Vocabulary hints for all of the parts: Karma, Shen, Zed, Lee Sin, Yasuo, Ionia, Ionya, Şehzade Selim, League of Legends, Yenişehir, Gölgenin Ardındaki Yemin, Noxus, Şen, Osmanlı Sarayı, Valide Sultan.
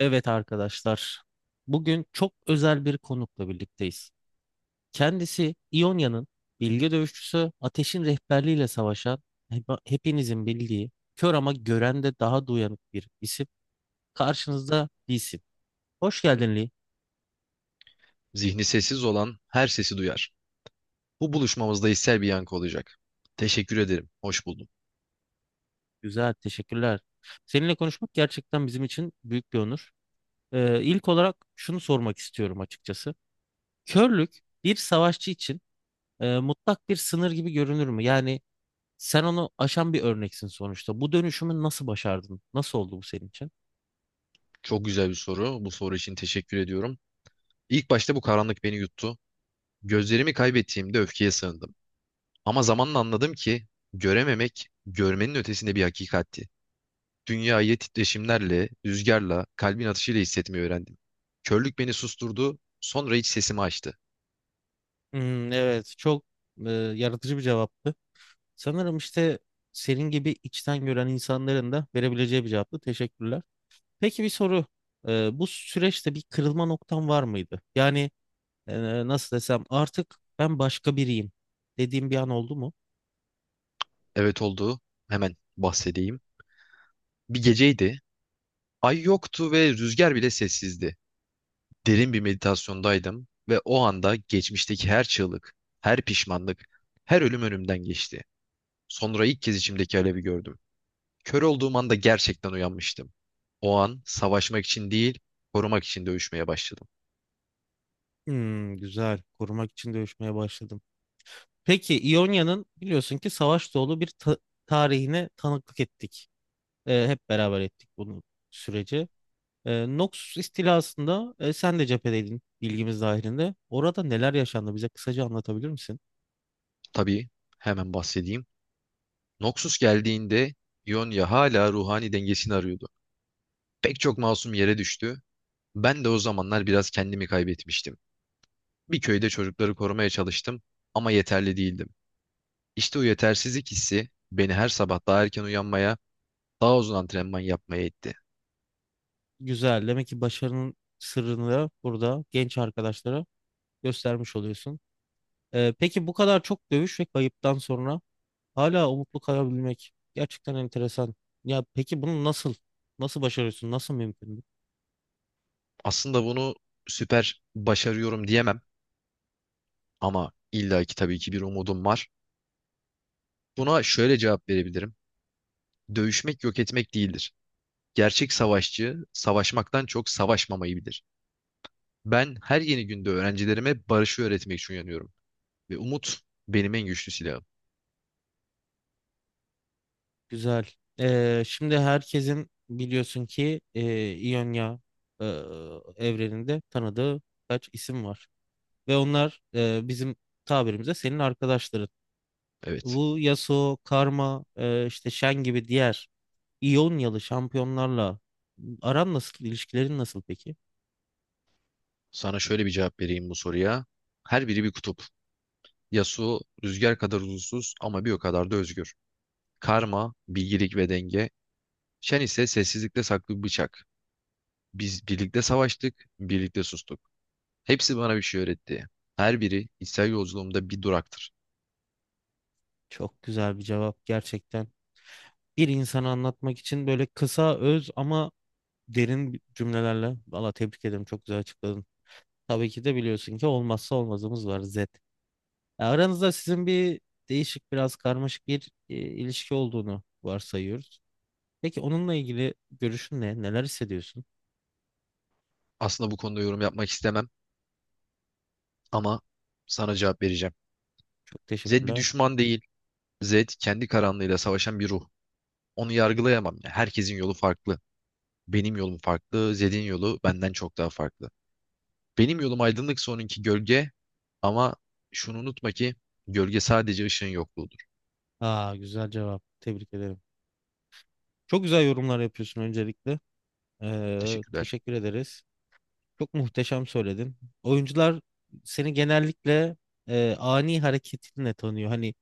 Evet arkadaşlar, bugün çok özel bir konukla birlikteyiz. Kendisi İonya'nın bilge dövüşçüsü Ateş'in rehberliğiyle savaşan hepinizin bildiği kör ama gören de daha duyanık bir isim. Karşınızda bir isim. Hoş geldin Lee. Zihni sessiz olan her sesi duyar. Bu buluşmamızda hissel bir yankı olacak. Teşekkür ederim. Hoş buldum. Güzel, teşekkürler. Seninle konuşmak gerçekten bizim için büyük bir onur. İlk olarak şunu sormak istiyorum açıkçası. Körlük bir savaşçı için mutlak bir sınır gibi görünür mü? Yani sen onu aşan bir örneksin sonuçta. Bu dönüşümü nasıl başardın? Nasıl oldu bu senin için? Çok güzel bir soru. Bu soru için teşekkür ediyorum. İlk başta bu karanlık beni yuttu. Gözlerimi kaybettiğimde öfkeye sığındım. Ama zamanla anladım ki görememek görmenin ötesinde bir hakikatti. Dünyayı titreşimlerle, rüzgarla, kalbin atışıyla hissetmeyi öğrendim. Körlük beni susturdu, sonra iç sesimi açtı. Evet, çok yaratıcı bir cevaptı. Sanırım işte senin gibi içten gören insanların da verebileceği bir cevaptı. Teşekkürler. Peki bir soru. Bu süreçte bir kırılma noktan var mıydı? Yani nasıl desem artık ben başka biriyim dediğim bir an oldu mu? Evet, oldu, hemen bahsedeyim. Bir geceydi, ay yoktu ve rüzgar bile sessizdi. Derin bir meditasyondaydım ve o anda geçmişteki her çığlık, her pişmanlık, her ölüm önümden geçti. Sonra ilk kez içimdeki alevi gördüm. Kör olduğum anda gerçekten uyanmıştım. O an savaşmak için değil, korumak için dövüşmeye başladım. Güzel. Korumak için dövüşmeye başladım. Peki İonya'nın biliyorsun ki savaş dolu bir tarihine tanıklık ettik. Hep beraber ettik bunu süreci. Noxus istilasında sen de cephedeydin bilgimiz dahilinde. Orada neler yaşandı bize kısaca anlatabilir misin? Tabii, hemen bahsedeyim. Noxus geldiğinde Ionia hala ruhani dengesini arıyordu. Pek çok masum yere düştü. Ben de o zamanlar biraz kendimi kaybetmiştim. Bir köyde çocukları korumaya çalıştım ama yeterli değildim. İşte o yetersizlik hissi beni her sabah daha erken uyanmaya, daha uzun antrenman yapmaya itti. Güzel. Demek ki başarının sırrını burada genç arkadaşlara göstermiş oluyorsun. Peki bu kadar çok dövüş ve kayıptan sonra hala umutlu kalabilmek gerçekten enteresan. Ya peki bunu nasıl başarıyorsun? Nasıl mümkün bu? Aslında bunu süper başarıyorum diyemem ama illaki tabii ki bir umudum var. Buna şöyle cevap verebilirim. Dövüşmek yok etmek değildir. Gerçek savaşçı savaşmaktan çok savaşmamayı bilir. Ben her yeni günde öğrencilerime barışı öğretmek için uyanıyorum ve umut benim en güçlü silahım. Güzel. Şimdi herkesin biliyorsun ki İonya e, evreninde tanıdığı kaç isim var ve onlar bizim tabirimize senin arkadaşların. Evet. Bu Yasuo, Karma, işte Shen gibi diğer İyonyalı şampiyonlarla aran nasıl, ilişkilerin nasıl peki? Sana şöyle bir cevap vereyim bu soruya. Her biri bir kutup. Yasuo rüzgar kadar huzursuz ama bir o kadar da özgür. Karma, bilgilik ve denge. Şen ise sessizlikte saklı bir bıçak. Biz birlikte savaştık, birlikte sustuk. Hepsi bana bir şey öğretti. Her biri içsel yolculuğumda bir duraktır. Çok güzel bir cevap gerçekten. Bir insanı anlatmak için böyle kısa, öz ama derin cümlelerle. Valla tebrik ederim çok güzel açıkladın. Tabii ki de biliyorsun ki olmazsa olmazımız var Z. Aranızda sizin bir değişik biraz karmaşık bir ilişki olduğunu varsayıyoruz. Peki onunla ilgili görüşün ne? Neler hissediyorsun? Aslında bu konuda yorum yapmak istemem ama sana cevap vereceğim. Çok Zed bir teşekkürler. düşman değil. Zed kendi karanlığıyla savaşan bir ruh. Onu yargılayamam, ya, herkesin yolu farklı. Benim yolum farklı, Zed'in yolu benden çok daha farklı. Benim yolum aydınlıksa onunki gölge, ama şunu unutma ki gölge sadece ışığın yokluğudur. Aa, güzel cevap. Tebrik ederim. Çok güzel yorumlar yapıyorsun öncelikle. Ee, Teşekkürler. teşekkür ederiz. Çok muhteşem söyledin. Oyuncular seni genellikle ani hareketinle tanıyor. Hani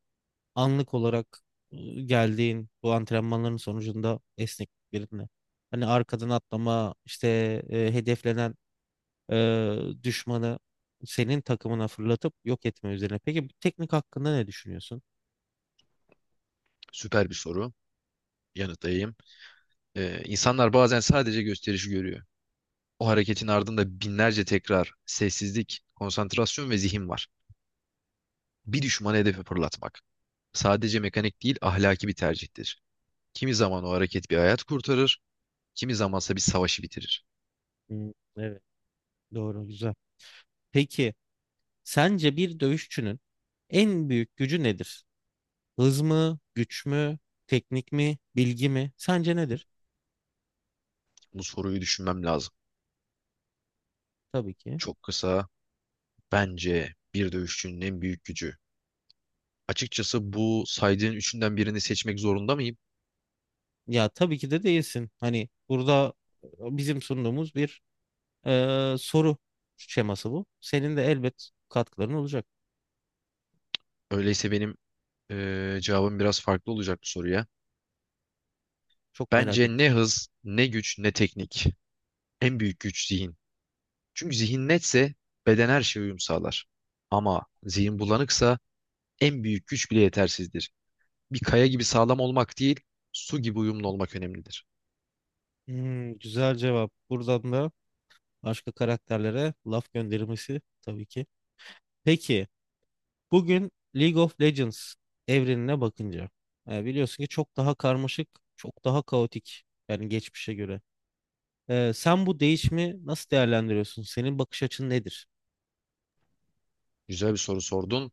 anlık olarak geldiğin bu antrenmanların sonucunda esnekliklerinle. Hani arkadan atlama, işte hedeflenen e, düşmanı senin takımına fırlatıp yok etme üzerine. Peki bu teknik hakkında ne düşünüyorsun? Süper bir soru. Yanıtlayayım. İnsanlar bazen sadece gösterişi görüyor. O hareketin ardında binlerce tekrar, sessizlik, konsantrasyon ve zihin var. Bir düşmanı hedefe fırlatmak. Sadece mekanik değil, ahlaki bir tercihtir. Kimi zaman o hareket bir hayat kurtarır, kimi zamansa bir savaşı bitirir. Hmm, evet, doğru, güzel. Peki sence bir dövüşçünün en büyük gücü nedir? Hız mı, güç mü, teknik mi, bilgi mi? Sence nedir? Bu soruyu düşünmem lazım. Tabii ki. Çok kısa, bence bir dövüşçünün en büyük gücü. Açıkçası bu saydığın üçünden birini seçmek zorunda mıyım? Ya tabii ki de değilsin. Hani burada bizim sunduğumuz bir soru şeması bu. Senin de elbet katkıların olacak. Öyleyse benim cevabım biraz farklı olacak bu soruya. Çok merak Bence ettim. ne hız, ne güç, ne teknik. En büyük güç zihin. Çünkü zihin netse beden her şeye uyum sağlar. Ama zihin bulanıksa en büyük güç bile yetersizdir. Bir kaya gibi sağlam olmak değil, su gibi uyumlu olmak önemlidir. Güzel cevap. Buradan da başka karakterlere laf göndermesi tabii ki. Peki bugün League of Legends evrenine bakınca biliyorsun ki çok daha karmaşık, çok daha kaotik yani geçmişe göre. Sen bu değişimi nasıl değerlendiriyorsun? Senin bakış açın nedir? Güzel bir soru sordun.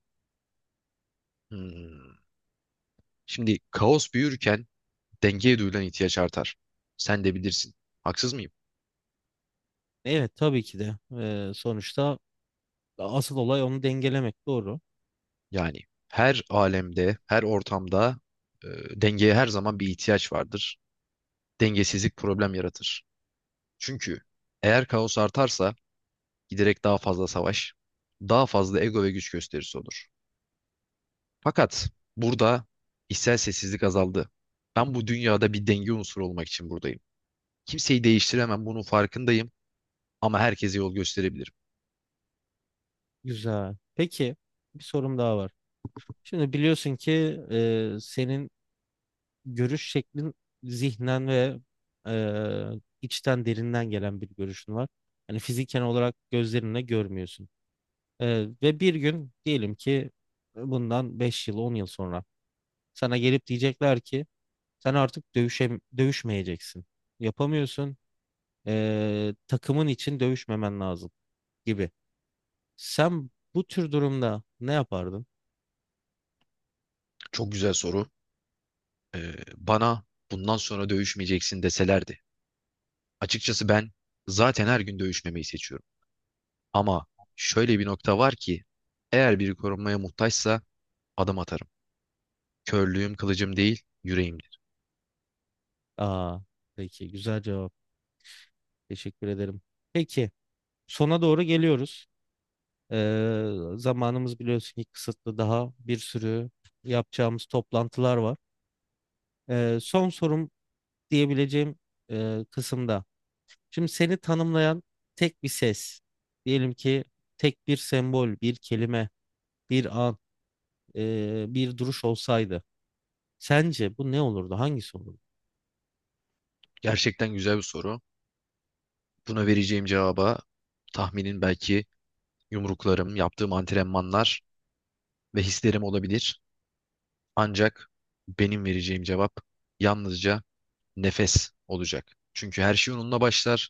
Hmm. Şimdi kaos büyürken dengeye duyulan ihtiyaç artar. Sen de bilirsin. Haksız mıyım? Evet, tabii ki de. Sonuçta asıl olay onu dengelemek. Doğru. Yani her alemde, her ortamda e, dengeye her zaman bir ihtiyaç vardır. Dengesizlik problem yaratır. Çünkü eğer kaos artarsa giderek daha fazla savaş, daha fazla ego ve güç gösterisi olur. Fakat burada içsel sessizlik azaldı. Ben bu dünyada bir denge unsuru olmak için buradayım. Kimseyi değiştiremem, bunun farkındayım ama herkese yol gösterebilirim. Güzel. Peki, bir sorum daha var. Şimdi biliyorsun ki senin görüş şeklin zihnen ve içten derinden gelen bir görüşün var. Yani fiziken olarak gözlerinle görmüyorsun. E, ve bir gün diyelim ki bundan 5 yıl, 10 yıl sonra sana gelip diyecekler ki sen artık dövüşmeyeceksin. Yapamıyorsun. Takımın için dövüşmemen lazım gibi. Sen bu tür durumda ne yapardın? Çok güzel soru. Bana bundan sonra dövüşmeyeceksin deselerdi. Açıkçası ben zaten her gün dövüşmemeyi seçiyorum. Ama şöyle bir nokta var ki eğer biri korunmaya muhtaçsa adım atarım. Körlüğüm kılıcım değil, yüreğim. Aa, peki, güzel cevap. Teşekkür ederim. Peki sona doğru geliyoruz. Zamanımız biliyorsun ki kısıtlı. Daha bir sürü yapacağımız toplantılar var. Son sorum diyebileceğim kısımda. Şimdi seni tanımlayan tek bir ses. Diyelim ki tek bir sembol, bir kelime, bir an. Bir duruş olsaydı sence bu ne olurdu? Hangisi olurdu? Gerçekten güzel bir soru. Buna vereceğim cevaba tahminin belki yumruklarım, yaptığım antrenmanlar ve hislerim olabilir. Ancak benim vereceğim cevap yalnızca nefes olacak. Çünkü her şey onunla başlar.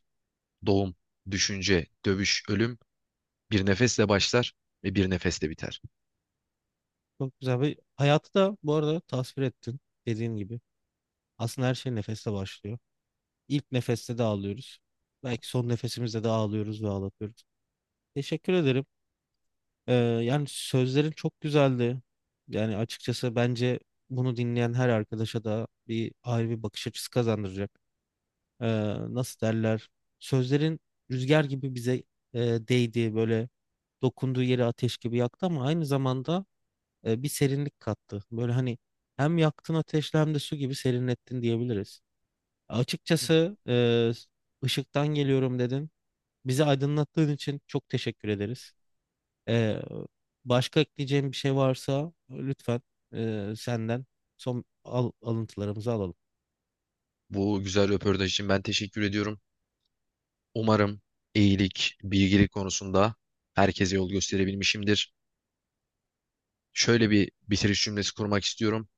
Doğum, düşünce, dövüş, ölüm bir nefesle başlar ve bir nefesle biter. Çok güzel bir hayatı da bu arada tasvir ettin dediğin gibi. Aslında her şey nefeste başlıyor. İlk nefeste de ağlıyoruz. Belki son nefesimizde de ağlıyoruz ve ağlatıyoruz. Teşekkür ederim. Yani sözlerin çok güzeldi. Yani açıkçası bence bunu dinleyen her arkadaşa da bir ayrı bir bakış açısı kazandıracak. Ee, nasıl derler? Sözlerin rüzgar gibi bize e, değdi, böyle dokunduğu yeri ateş gibi yaktı ama aynı zamanda bir serinlik kattı. Böyle hani hem yaktın ateşle hem de su gibi serinlettin diyebiliriz. Hı. Açıkçası ışıktan geliyorum dedin. Bizi aydınlattığın için çok teşekkür ederiz. E, başka ekleyeceğim bir şey varsa lütfen senden son alıntılarımızı alalım. Bu güzel röportaj için ben teşekkür ediyorum. Umarım iyilik, bilgilik konusunda herkese yol gösterebilmişimdir. Şöyle bir bitiriş cümlesi kurmak istiyorum.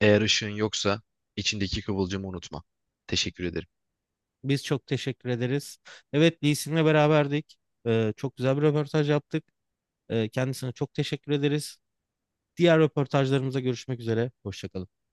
Eğer ışığın yoksa içindeki kıvılcımı unutma. Teşekkür ederim. Biz çok teşekkür ederiz. Evet, Lee Sin'le beraberdik. Çok güzel bir röportaj yaptık. Kendisine çok teşekkür ederiz. Diğer röportajlarımıza görüşmek üzere. Hoşça kalın.